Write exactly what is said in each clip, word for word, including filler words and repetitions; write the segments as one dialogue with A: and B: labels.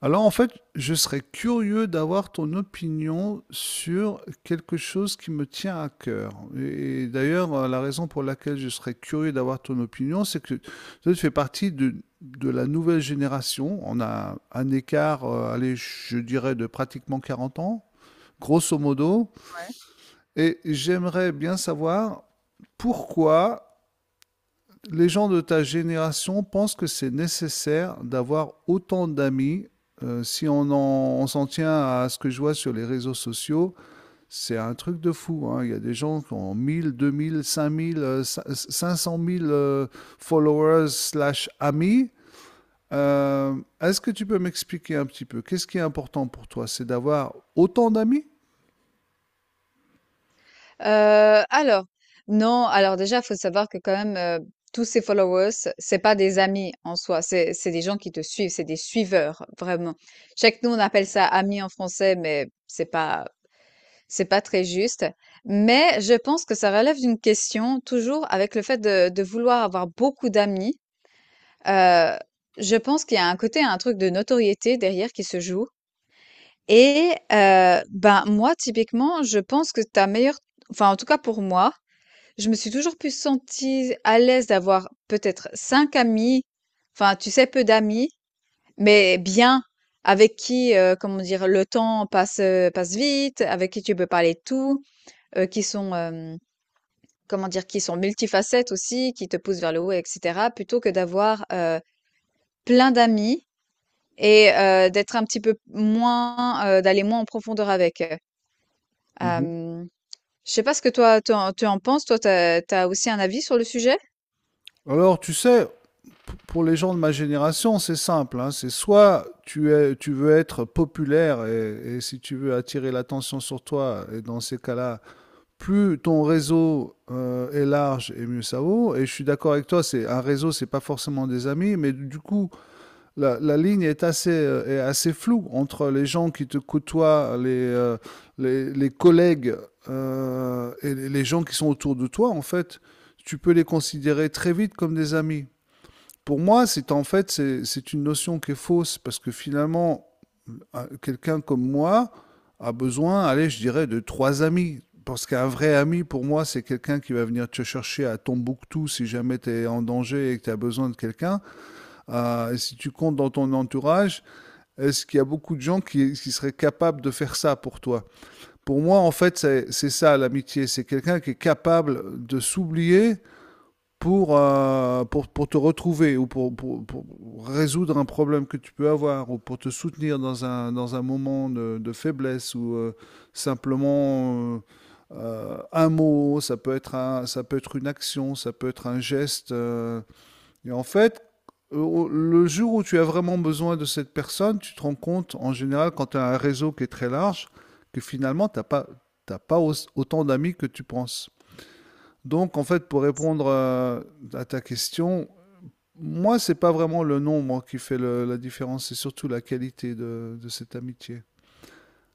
A: Alors en fait, je serais curieux d'avoir ton opinion sur quelque chose qui me tient à cœur. Et d'ailleurs, euh, la raison pour laquelle je serais curieux d'avoir ton opinion, c'est que toi, tu fais partie de, de la nouvelle génération. On a un écart, euh, allez, je dirais, de pratiquement quarante ans, grosso modo.
B: Ouais.
A: Et j'aimerais bien savoir pourquoi les gens de ta génération pensent que c'est nécessaire d'avoir autant d'amis. Euh, si on en- on s'en tient à ce que je vois sur les réseaux sociaux, c'est un truc de fou, hein. Il y a des gens qui ont mille, deux mille, mille, cinq mille, euh, cin- cinq cent mille euh, followers slash amis. Euh, Est-ce que tu peux m'expliquer un petit peu qu'est-ce qui est important pour toi? C'est d'avoir autant d'amis?
B: Heu, alors, non, alors déjà, il faut savoir que quand même, heu, tous ces followers, c'est pas des amis en soi, c'est c'est des gens qui te suivent, c'est des suiveurs, vraiment. Chaque nous, on appelle ça amis en français, mais c'est pas c'est pas très juste. Mais je pense que ça relève d'une question, toujours avec le fait de de vouloir avoir beaucoup d'amis. Heu, je pense qu'il y a un côté, un truc de notoriété derrière qui se joue et heu, ben, moi, typiquement, je pense que ta meilleure, enfin, en tout cas pour moi, je me suis toujours plus sentie à l'aise d'avoir peut-être cinq amis, enfin, tu sais, peu d'amis, mais bien, avec qui, heu, comment dire, le temps passe, heu, passe vite, avec qui tu peux parler de tout, heu, qui sont, hem, comment dire, qui sont multifacettes aussi, qui te poussent vers le haut et cetera, plutôt que d'avoir, heu, plein d'amis et heu, d'être un petit peu moins, heu, d'aller moins en profondeur avec, heu.
A: Mhm.
B: Je sais pas ce que toi tu en tu en penses, toi, t'as as aussi un avis sur le sujet?
A: Alors, tu sais, pour les gens de ma génération, c'est simple, hein. C'est soit tu, es, tu veux être populaire et, et si tu veux attirer l'attention sur toi, et dans ces cas-là, plus ton réseau euh, est large et mieux ça vaut. Et je suis d'accord avec toi, c'est un réseau, c'est pas forcément des amis, mais du coup, la, la ligne est assez, euh, est assez floue entre les gens qui te côtoient, les, euh, les, les, collègues euh, et les gens qui sont autour de toi, en fait. Tu peux les considérer très vite comme des amis. Pour moi, c'est en fait, c'est c'est une notion qui est fausse, parce que finalement, un- quelqu'un comme moi a besoin, allez, je dirais, de trois amis. Parce qu'un vrai ami, pour moi, c'est quelqu'un qui va venir te chercher à Tombouctou si jamais tu es en danger et que tu as besoin de quelqu'un. Euh, et si tu comptes dans ton entourage, est-ce qu'il y a beaucoup de gens qui, qui seraient capables de faire ça pour toi? Pour moi, en fait, c'est c'est ça l'amitié. C'est quelqu'un qui est capable de s'oublier pour, euh, pour, pour te retrouver ou pour, pour, pour résoudre un problème que tu peux avoir ou pour te soutenir dans un, dans un moment de, de faiblesse ou euh, simplement euh, euh, un mot, ça peut, être un, ça peut être une action, ça peut être un geste. euh, Et en fait, euh, le jour où tu as vraiment besoin de cette personne, tu te rends compte en général quand tu as un réseau qui est très large que finalement, tu n'as pas, t'as pas autant d'amis que tu penses. Donc, en fait, pour répondre à, à ta question, moi, c'est pas vraiment le nombre qui fait le- la différence, c'est surtout la qualité de, de cette amitié.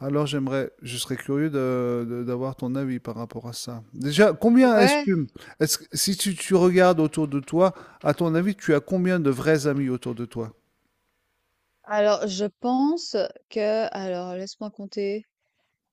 A: Alors, j'aimerais, je serais curieux de- de- d'avoir ton avis par rapport à ça. Déjà, combien
B: Ouais,
A: estime, est-ce que, si tu, tu regardes autour de toi, à ton avis, tu as combien de vrais amis autour de toi?
B: alors je pense que, alors laisse-moi compter.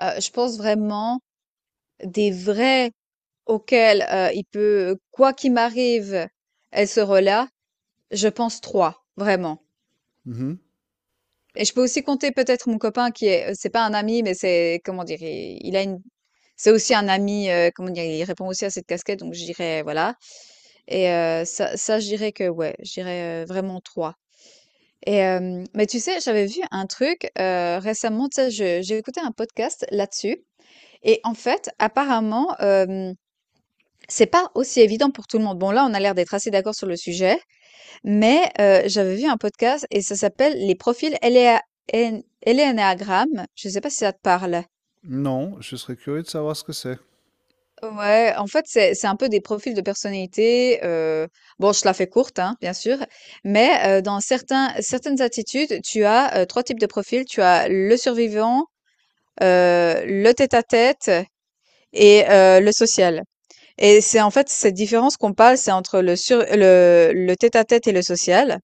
B: Euh, je pense vraiment des vrais auxquels euh, il peut, quoi qu'il m'arrive, elle sera là, je pense trois, vraiment.
A: Mhm.
B: Et je peux aussi compter peut-être mon copain qui est, euh, c'est pas un ami, mais c'est, comment dire, il, il a une, c'est aussi un ami, euh, comment dire, il répond aussi à cette casquette, donc je dirais, voilà. Et euh, ça, ça, je dirais que, ouais, je dirais euh, vraiment trois. Et, euh, mais tu sais, j'avais vu un truc euh, récemment, tu sais, je- j'ai écouté un podcast là-dessus. Et en fait, apparemment, euh, c'est pas aussi évident pour tout le monde. Bon, là, on a l'air d'être assez d'accord sur le sujet. Mais heu, j'avais vu un podcast et ça s'appelle les profils éléa én élénéagramme. Je ne sais pas si ça te parle?
A: Non, je serais curieux de savoir ce que c'est.
B: Ouais, en fait, c'est c'est un peu des profils de personnalité, heu, bon, je la fais courte, hein, bien sûr, mais heu, dans certains certaines attitudes, tu as, heu, trois types de profils. Tu as le survivant, heu, le tête-à-tête et heu, le social, et c'est en fait cette différence qu'on parle, c'est entre le sur le le tête-à-tête et le social.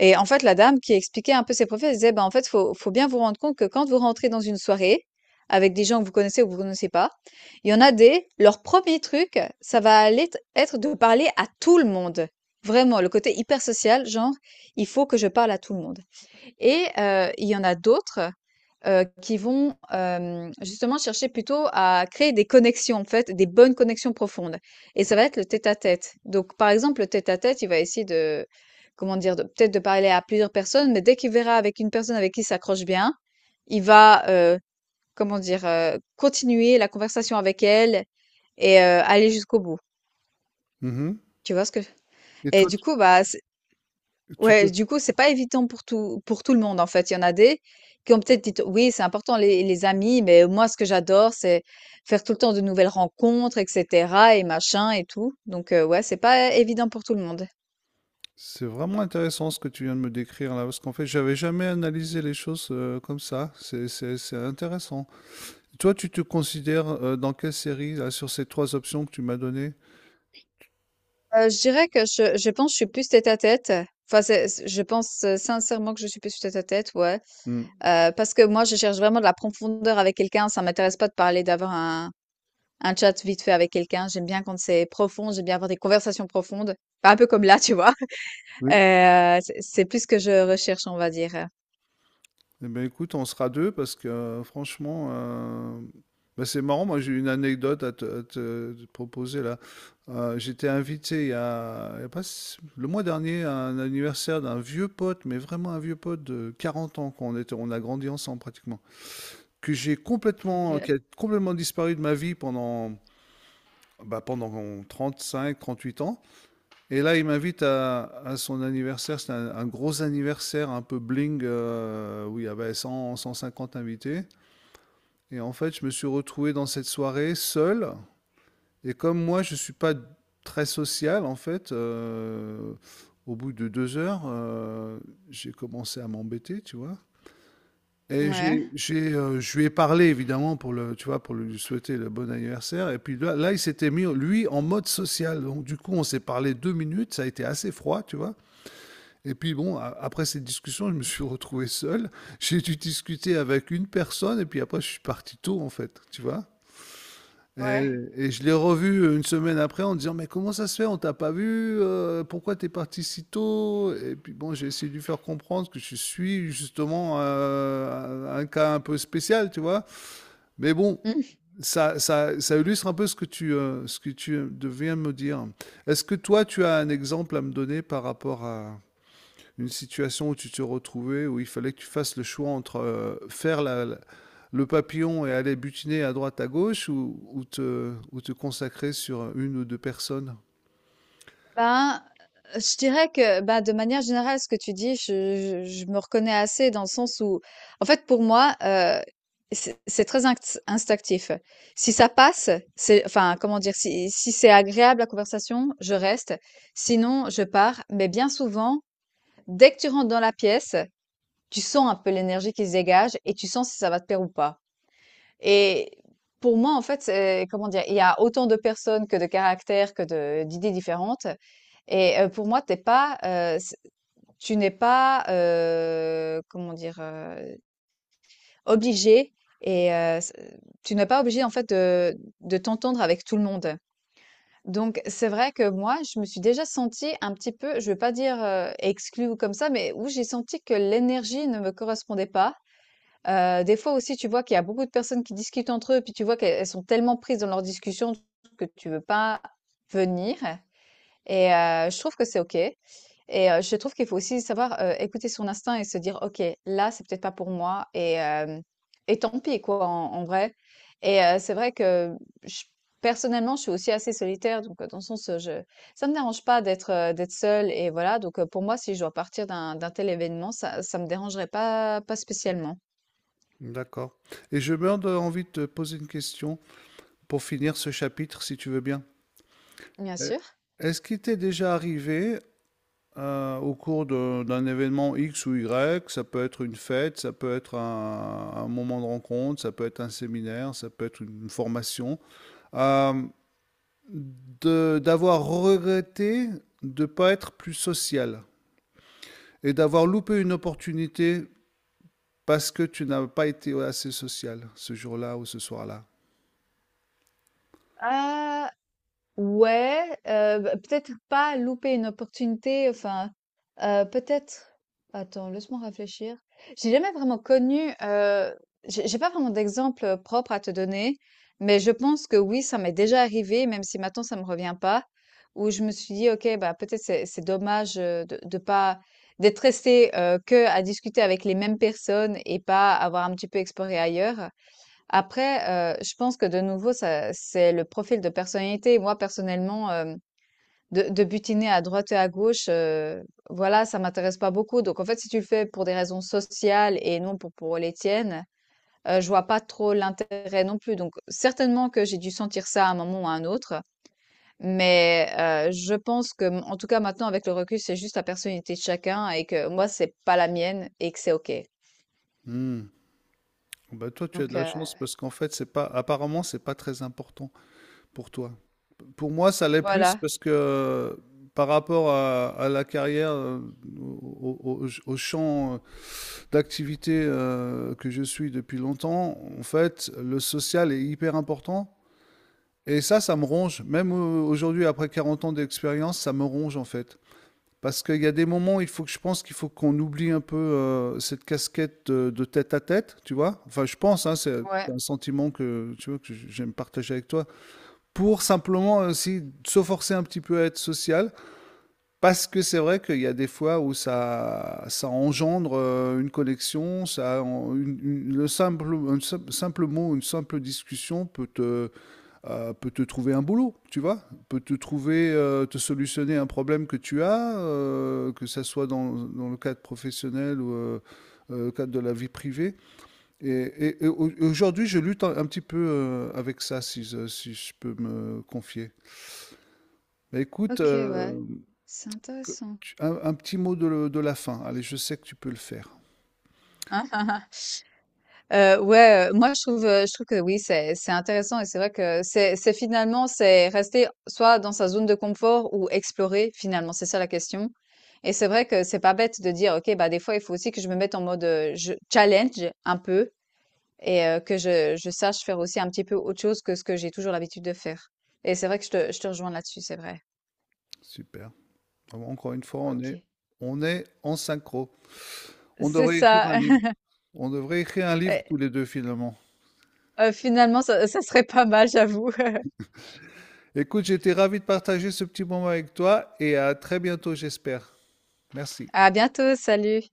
B: Et en fait, la dame qui expliquait un peu ses profils, elle disait, ben, en fait, faut, faut bien vous rendre compte que quand vous rentrez dans une soirée avec des gens que vous connaissez ou que vous connaissez pas, il y en a des, leur premier truc, ça va aller t- être de parler à tout le monde. Vraiment, le côté hyper social, genre, il faut que je parle à tout le monde. Et euh, il y en a d'autres, Heu, qui vont, hem, justement chercher plutôt à créer des connexions, en fait, des bonnes connexions profondes et ça va être le tête-à-tête. Donc par exemple, le tête-à-tête, il va essayer de, comment dire? De peut-être de parler à plusieurs personnes, mais dès qu'il verra avec une personne avec qui il s'accroche bien, il va, heu, comment dire? Heu, continuer la conversation avec elle et heu, aller jusqu'au bout.
A: Mhm.
B: Tu vois ce que…
A: Et
B: Et
A: toi,
B: du
A: tu
B: coup, bah,
A: tu te
B: ouais, du coup, c'est pas évident pour tout pour tout le monde, en fait. Il y en a des qui ont peut-être dit, oui, c'est important les, les amis, mais moi, ce que j'adore, c'est faire tout le temps de nouvelles rencontres, et cetera, et machin et tout. Donc, euh, ouais, c'est pas évident pour tout le monde.
A: C'est vraiment intéressant ce que tu viens de me décrire là, parce qu'en fait, j'avais jamais analysé les choses euh, comme ça. C'est, c'est- c'est intéressant. Toi, tu te considères euh, dans quelle série là, sur ces trois options que tu m'as données?
B: Euh, je dirais que je, je pense que je suis plus tête à tête. Enfin, c'est- c'est- je pense euh, sincèrement que je suis plus tête à tête, ouais.
A: Hmm.
B: Euh, parce que moi, je cherche vraiment de la profondeur avec quelqu'un. Ça m'intéresse pas de parler, d'avoir un, un chat vite fait avec quelqu'un. J'aime bien quand c'est profond, j'aime bien avoir des conversations profondes. Pas un peu comme là, tu vois.
A: Oui.
B: Euh, c'est c'est plus ce que je recherche, on va dire.
A: Eh bien, écoute, on sera deux parce que euh, franchement, euh, bah, c'est marrant. Moi, j'ai une anecdote à te, à te- te proposer là. Euh, j'étais invité il y a, il y a pas si- le mois dernier à un anniversaire d'un vieux pote, mais vraiment un vieux pote de 40 ans qu'on était, on a grandi ensemble pratiquement, que j'ai complètement,
B: OK.
A: qui a complètement disparu de ma vie pendant, bah, pendant trente huit ans. Et là, il m'invite à, à son anniversaire. C'est un, un gros anniversaire un peu bling euh, où il y avait cent, cent cinquante invités. Et en fait, je me suis retrouvé dans cette soirée seul. Et comme moi, je ne suis pas très social, en fait, euh, au bout de deux heures, euh, j'ai commencé à m'embêter, tu vois. Et j'ai,
B: Ouais,
A: j'ai, euh, je lui ai parlé évidemment pour le, tu vois, pour lui souhaiter le bon anniversaire. Et puis là, là, il s'était mis, lui, en mode social. Donc du coup, on s'est parlé deux minutes. Ça a été assez froid, tu vois. Et puis bon, a- après cette discussion, je me suis retrouvé seul. J'ai dû discuter avec une personne. Et puis après, je suis parti tôt, en fait, tu vois. Et
B: ouais.
A: et je l'ai revu euh, une semaine après en disant: «Mais comment ça se fait? On t'a pas vu, heu, pourquoi t'es parti si tôt?» Et puis bon, j'ai essayé de lui faire comprendre que je suis justement, heu, un cas un peu spécial, tu vois? Mais bon, ça ça ça illustre un peu ce que tu, heu, ce que tu, heu, viens de me dire. Est-ce que toi, tu as un exemple à me donner par rapport à une situation où tu te retrouvais, où il fallait que tu fasses le choix entre euh, faire la- la- le papillon et aller butiner à droite, à gauche, ou, ou te, ou te consacrer sur une ou deux personnes.
B: Ben, heu, je dirais que, ben, de manière générale, ce que tu dis, je je je me reconnais assez dans le sens où, en fait, pour moi, heu, c'est c'est très inct instinctif. Si ça passe, c'est, enfin, comment dire? Si si c'est agréable la conversation, je reste, sinon je pars. Mais bien souvent, dès que tu rentres dans la pièce, tu sens un peu l'énergie qui se dégage et tu sens si ça va te plaire ou pas. Et pour moi, en fait, c'est, comment dire? Il y a autant de personnes que de caractères, que de d'idées différentes. Et heu, pour moi, t'es pas, heu, c tu n'es pas, heu, comment dire? Heu, obligée, et heu, c tu n'es pas obligé, en fait, de de t'entendre avec tout le monde. Donc c'est vrai que moi, je me suis déjà sentie un petit peu, je veux pas dire, heu, exclue ou comme ça, mais où j'ai senti que l'énergie ne me correspondait pas. Heu, des fois aussi, tu vois qu'il y a beaucoup de personnes qui discutent entre eux, puis tu vois qu'elles elles sont tellement prises dans leur discussion que tu veux pas venir, et heu, je trouve que c'est OK, et heu, je trouve qu'il faut aussi savoir, heu, écouter son instinct et se dire: «OK, là, c'est peut-être pas pour moi et hem et tant pis quoi», en en vrai. Et heu, c'est vrai que, j personnellement, je suis aussi assez solitaire, donc heu, dans le sens, heu, je ça me dérange pas d'être, heu, d'être seule, et voilà, donc heu, pour moi, si je dois partir d'un d'un tel événement, ça ça me dérangerait pas pas spécialement.
A: D'accord. Et je meurs de- envie de te poser une question pour finir ce chapitre, si tu veux bien.
B: Bien
A: Euh,
B: sûr.
A: Est-ce qu'il t'est déjà arrivé euh, au cours de- d'un événement X ou Y, ça peut être une fête, ça peut être un, un moment de rencontre, ça peut être un séminaire, ça peut être une formation, euh, de d'avoir regretté de ne pas être plus social et d'avoir loupé une opportunité parce que tu n'as pas été assez social ce jour-là ou ce soir-là.
B: Ah, ouais, heu, bah, peut-être pas louper une opportunité, enfin, heu, peut-être, attends, laisse-moi réfléchir. J'ai jamais vraiment connu, heu, j'ai j'ai pas vraiment d'exemple propre à te donner, mais je pense que oui, ça m'est déjà arrivé, même si maintenant ça me revient pas, où je me suis dit: «OK, bah, peut-être c'est c'est dommage, heu, de de pas d'être resté que à discuter avec les mêmes personnes et pas avoir un petit peu exploré ailleurs». Après, heu, je pense que de nouveau, ça c'est le profil de personnalité. Moi, personnellement, hem, de de butiner à droite et à gauche, heu, voilà, ça m'intéresse pas beaucoup. Donc en fait, si tu le fais pour des raisons sociales et non pour pour les tiennes, heu, je vois pas trop l'intérêt non plus. Donc certainement que j'ai dû sentir ça à un moment ou à un autre, mais heu, je pense que, en tout cas, maintenant, avec le recul, c'est juste la personnalité de chacun et que moi, c'est pas la mienne et que c'est OK.
A: Hmm. Ben toi, tu as de
B: Donc
A: la
B: heu,
A: chance parce qu'en fait, c'est pas, apparemment, c'est pas très important pour toi. Pour moi, ça l'est plus
B: voilà.
A: parce que euh, par rapport à, à la carrière, euh, au, au- au- au champ euh, d'activité euh, que je suis depuis longtemps, en fait, le social est hyper important. Et ça, ça me ronge. Même au- aujourd'hui, après 40 ans d'expérience, ça me ronge en fait. Parce qu'il y a des moments où il faut que je pense qu'il faut qu'on oublie un peu euh, cette casquette de, de tête à tête, tu vois. Enfin, je pense, hein, c'est c'est
B: Ouais.
A: un sentiment que tu vois que j- j'aime partager avec toi, pour simplement aussi se forcer un petit peu à être social. Parce que c'est vrai qu'il y a des fois où ça, ça engendre euh, une connexion, ça, en- une- une- le simple, un sim- simple mot, une simple discussion peut te, euh, peut te trouver un boulot, tu vois, peut te trouver, euh, te solutionner un problème que tu as, euh, que ça soit dans, dans le cadre professionnel ou euh, euh, cadre de la vie privée. Et, et- et au- aujourd'hui, je lutte un, un petit peu euh, avec ça, si je, si je peux me confier. Bah, écoute,
B: OK, ouais.
A: euh,
B: C'est
A: que-
B: intéressant.
A: tu- un, un petit mot de, le- de la fin. Allez, je sais que tu peux le faire.
B: Ah, ah, ah. Euh, ouais, euh, moi je trouve, euh, je trouve que oui, c'est c'est intéressant, et c'est vrai que c'est c'est finalement, c'est rester soit dans sa zone de confort ou explorer, finalement, c'est ça la question. Et c'est vrai que c'est pas bête de dire ok, bah des fois il faut aussi que je me mette en mode, euh, je challenge un peu, et euh, que je je sache faire aussi un petit peu autre chose que ce que j'ai toujours l'habitude de faire. Et c'est vrai que je te je te rejoins là-dessus, c'est vrai.
A: Super. Alors, encore une fois, on
B: Ok,
A: est, on est en synchro. On
B: c'est
A: devrait écrire un
B: ça.
A: livre. On devrait écrire un livre tous les deux, finalement.
B: Euh, finalement ça ça serait pas mal, j'avoue.
A: Écoute, j'étais ravi de partager ce petit moment avec toi et à très bientôt, j'espère. Merci.
B: À bientôt, salut.